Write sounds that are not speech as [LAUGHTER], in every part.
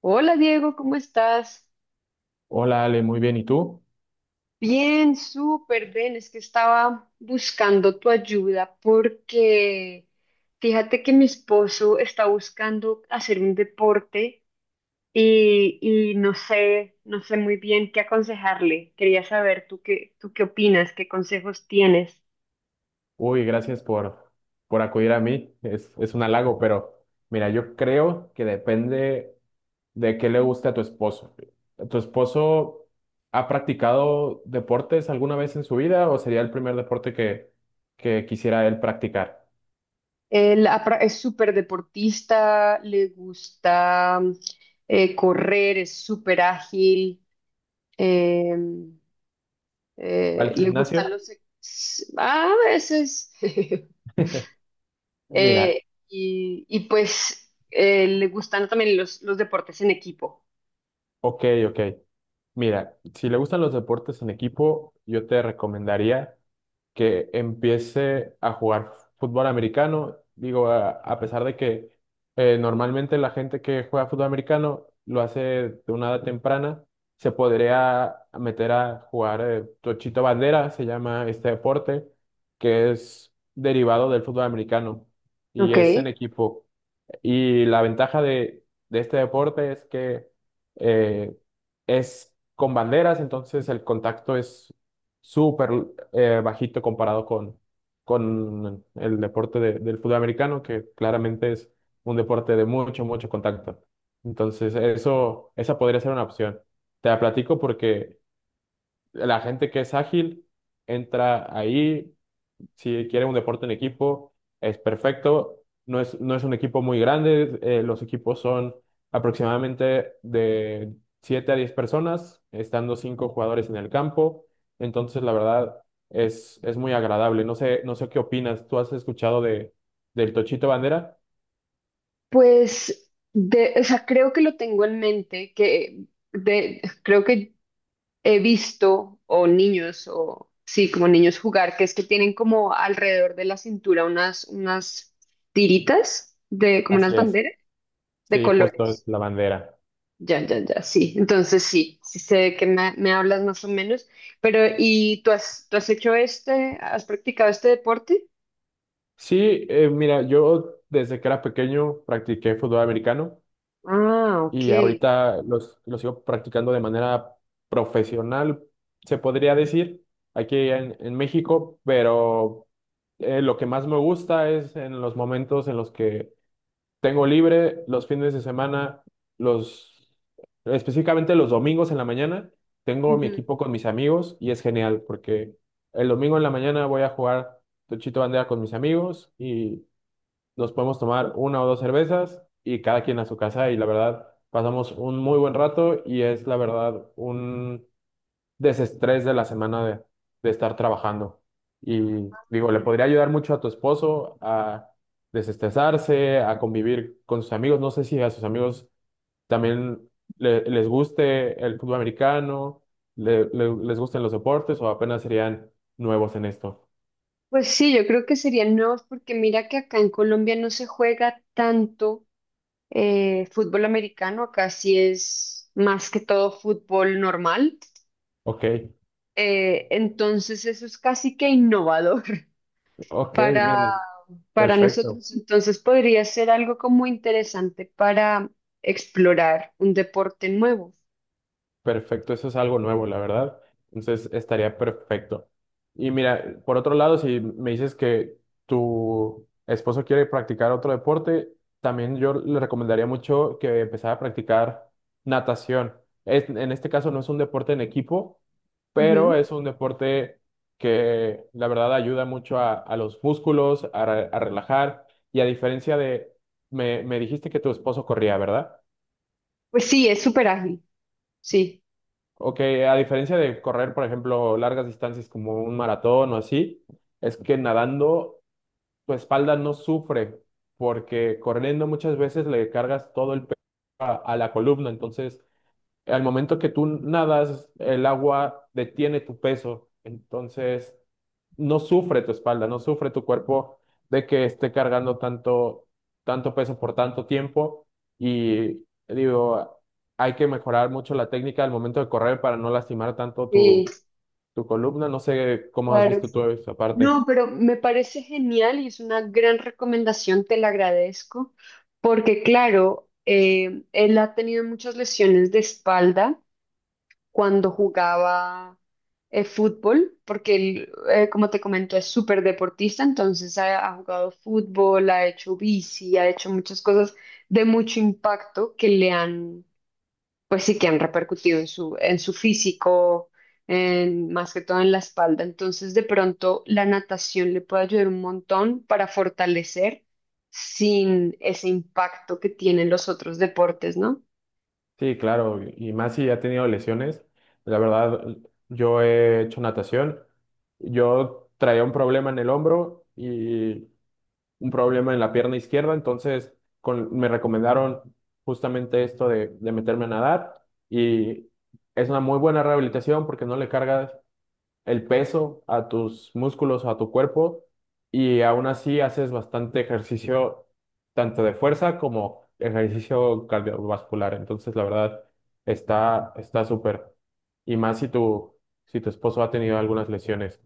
Hola Diego, ¿cómo estás? Hola Ale, muy bien. ¿Y tú? Bien, súper bien. Es que estaba buscando tu ayuda porque fíjate que mi esposo está buscando hacer un deporte y no sé, no sé muy bien qué aconsejarle. Quería saber tú qué opinas, qué consejos tienes. Uy, gracias por acudir a mí. Es un halago, pero mira, yo creo que depende de qué le guste a tu esposo. ¿Tu esposo ha practicado deportes alguna vez en su vida o sería el primer deporte que quisiera él practicar? Él es súper deportista, le gusta correr, es súper ágil. Eh, ¿Va al Le gustan gimnasio? A veces. [LAUGHS] Mira, Eh, Le gustan también los deportes en equipo. Ok, ok. Mira, si le gustan los deportes en equipo, yo te recomendaría que empiece a jugar fútbol americano. Digo, a pesar de que normalmente la gente que juega fútbol americano lo hace de una edad temprana, se podría meter a jugar tochito bandera, se llama este deporte, que es derivado del fútbol americano y es Ok. en equipo. Y la ventaja de este deporte es que eh, es con banderas, entonces el contacto es súper bajito comparado con el deporte del fútbol americano, que claramente es un deporte de mucho, mucho contacto. Entonces, esa podría ser una opción. Te la platico porque la gente que es ágil entra ahí si quieren un deporte en equipo, es perfecto. No es un equipo muy grande. Los equipos son aproximadamente de 7 a 10 personas, estando 5 jugadores en el campo. Entonces, la verdad, es muy agradable. No sé qué opinas. ¿Tú has escuchado del Tochito Bandera? Pues, de, o sea, creo que lo tengo en mente, que de, creo que he visto, o niños, o sí, como niños jugar, que es que tienen como alrededor de la cintura unas tiritas, de, como unas Así es. banderas de Sí, justo es colores. la bandera. Ya, ya, ya, sí. Entonces sí, sí sé de qué me, me hablas más o menos. Pero, ¿y tú has hecho este, has practicado este deporte? Sí, mira, yo desde que era pequeño practiqué fútbol americano. Ah, ok. Y ahorita los sigo practicando de manera profesional, se podría decir, aquí en México, pero lo que más me gusta es en los momentos en los que tengo libre, los fines de semana, los, específicamente los domingos en la mañana, tengo mi Ujú. equipo con mis amigos y es genial porque el domingo en la mañana voy a jugar tochito bandera con mis amigos y nos podemos tomar una o dos cervezas y cada quien a su casa y la verdad pasamos un muy buen rato y es la verdad un desestrés de la semana de estar trabajando. Y digo, le podría ayudar mucho a tu esposo a desestresarse, a convivir con sus amigos. No sé si a sus amigos también les guste el fútbol americano, les gusten los deportes o apenas serían nuevos en esto. Pues sí, yo creo que serían nuevos porque mira que acá en Colombia no se juega tanto fútbol americano, acá sí es más que todo fútbol normal. Ok, Entonces eso es casi que innovador ok, para, mira, para perfecto. nosotros. Entonces podría ser algo como interesante para explorar un deporte nuevo. Perfecto, eso es algo nuevo, la verdad. Entonces estaría perfecto. Y mira, por otro lado, si me dices que tu esposo quiere practicar otro deporte, también yo le recomendaría mucho que empezara a practicar natación. En este caso no es un deporte en equipo, pero Ujú. es un deporte que la verdad ayuda mucho a los músculos, a relajar. Y a diferencia me dijiste que tu esposo corría, ¿verdad? Pues sí, es súper ágil, sí, Ok, a diferencia de correr, por ejemplo, largas distancias como un maratón o así, es que nadando tu espalda no sufre, porque corriendo muchas veces le cargas todo el peso a la columna, entonces al momento que tú nadas, el agua detiene tu peso, entonces no sufre tu espalda, no sufre tu cuerpo de que esté cargando tanto, tanto peso por tanto tiempo. Y digo, hay que mejorar mucho la técnica al momento de correr para no lastimar tanto sí, tu columna. No sé cómo has claro. visto tú esa parte. No, pero me parece genial y es una gran recomendación, te la agradezco, porque claro, él ha tenido muchas lesiones de espalda cuando jugaba fútbol, porque él, como te comento, es súper deportista, entonces ha, ha jugado fútbol, ha hecho bici, ha hecho muchas cosas de mucho impacto que le han, pues sí, que han repercutido en su físico, en, más que todo en la espalda. Entonces, de pronto, la natación le puede ayudar un montón para fortalecer sin ese impacto que tienen los otros deportes, ¿no? Sí, claro, y más si ha tenido lesiones. La verdad, yo he hecho natación. Yo traía un problema en el hombro y un problema en la pierna izquierda, entonces me recomendaron justamente esto de meterme a nadar y es una muy buena rehabilitación porque no le cargas el peso a tus músculos, o a tu cuerpo, y aún así haces bastante ejercicio, tanto de fuerza como ejercicio cardiovascular. Entonces, la verdad, está súper. Y más si si tu esposo ha tenido algunas lesiones,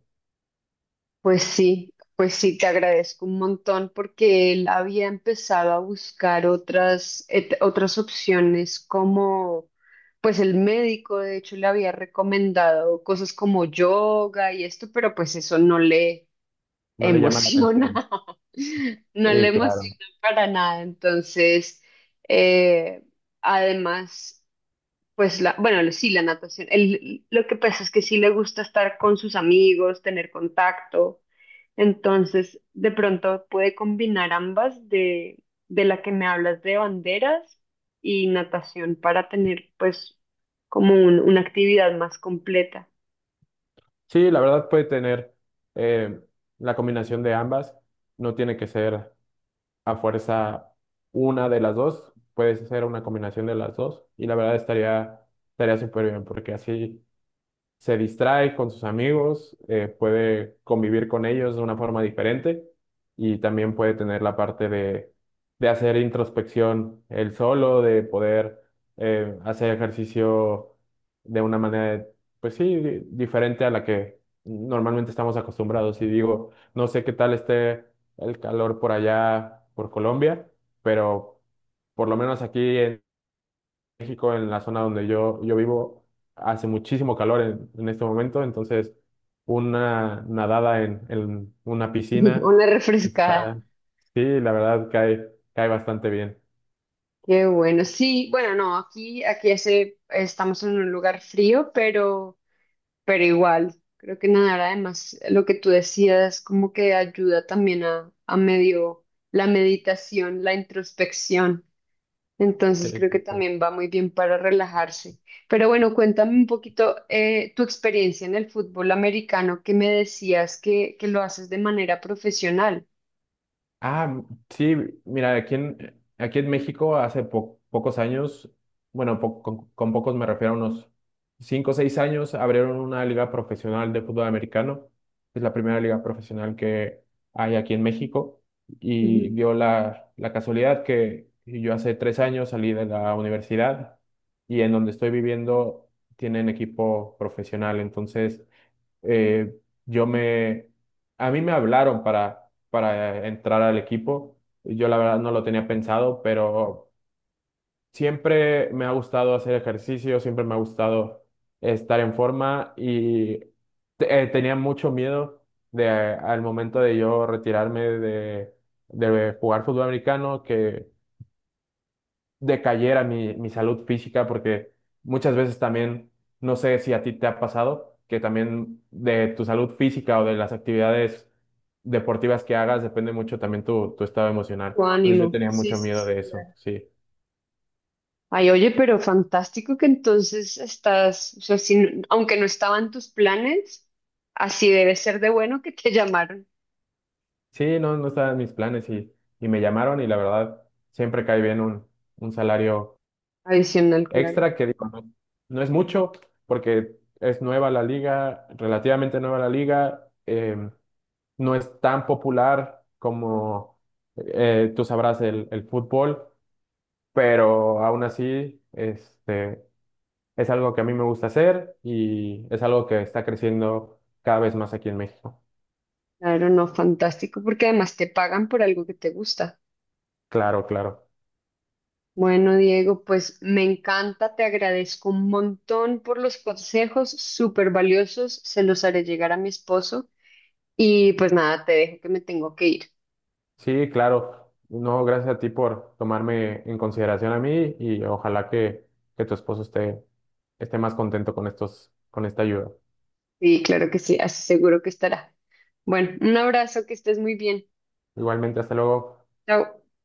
Pues sí, te agradezco un montón porque él había empezado a buscar otras opciones como, pues el médico de hecho le había recomendado cosas como yoga y esto, pero pues eso no le no le llama la atención. emociona, [LAUGHS] no le Sí, emociona claro. para nada. Entonces, eh, además... Pues la, bueno, sí, la natación. El- lo que pasa es que sí le gusta estar con sus amigos, tener contacto. Entonces, de pronto puede combinar ambas de la que me hablas de banderas y natación para tener pues como un- una actividad más completa. Sí, la verdad puede tener eh, la combinación de ambas. No tiene que ser a fuerza una de las dos, puedes hacer una combinación de las dos y la verdad estaría súper bien porque así se distrae con sus amigos, puede convivir con ellos de una forma diferente y también puede tener la parte de hacer introspección él solo, de poder hacer ejercicio de una manera, pues sí, diferente a la que normalmente estamos acostumbrados. Y digo, no sé qué tal esté el calor por allá, por Colombia, pero por lo menos aquí México, en la zona donde yo vivo, hace muchísimo calor en este momento, entonces una nadada en una [LAUGHS] piscina Una refrescada. está, sí, la verdad cae bastante bien. Qué bueno. Sí, bueno, no, aquí, aquí hace, estamos en un lugar frío, pero igual, creo que nadar además, lo que tú decías, como que ayuda también a medio la meditación, la introspección. Entonces creo que también [LAUGHS] va muy bien para relajarse. Pero bueno, cuéntame un poquito tu experiencia en el fútbol americano, que me decías que lo haces de manera profesional. Ah, sí, mira, aquí aquí en México hace pocos años, bueno, con pocos me refiero a unos 5 o 6 años, abrieron una liga profesional de fútbol americano. Es la primera liga profesional que hay aquí en México y Ujú. dio la casualidad que yo hace 3 años salí de la universidad y en donde estoy viviendo tienen equipo profesional, entonces eh, yo me, a mí me hablaron para entrar al equipo. Yo la verdad no lo tenía pensado, pero siempre me ha gustado hacer ejercicio, siempre me ha gustado estar en forma y tenía mucho miedo de al momento de yo retirarme de jugar fútbol americano, que decayera mi salud física, porque muchas veces también, no sé si a ti te ha pasado, que también de tu salud física o de las actividades deportivas que hagas depende mucho también tu estado emocional. Tu Entonces yo ánimo. tenía Sí, mucho sí, miedo sí, de eso, claro. sí. Ay, oye, pero fantástico que entonces estás, o sea, si no- aunque no estaban tus planes, así debe ser de bueno que te [LAUGHS] llamaron. Sí, no, no estaban mis planes y me llamaron y la verdad siempre cae bien un salario Adicional, claro. extra que digo, no, no es mucho porque es nueva la liga, relativamente nueva la liga. No es tan popular como tú sabrás el fútbol, pero aún así es algo que a mí me gusta hacer y es algo que está creciendo cada vez más aquí en México. Claro, no, fantástico, porque además te pagan por algo que te gusta. Claro, claro. Bueno, Diego, pues me encanta, te agradezco un montón por los consejos súper valiosos, se los haré llegar a mi esposo y pues nada, te dejo que me tengo que ir. Sí, claro. No, gracias a ti por tomarme en consideración a mí y ojalá que tu esposo esté más contento con con esta ayuda. Sí, claro que sí, así seguro que estará. Bueno, un abrazo, que estés muy bien. Igualmente, hasta luego. Chao.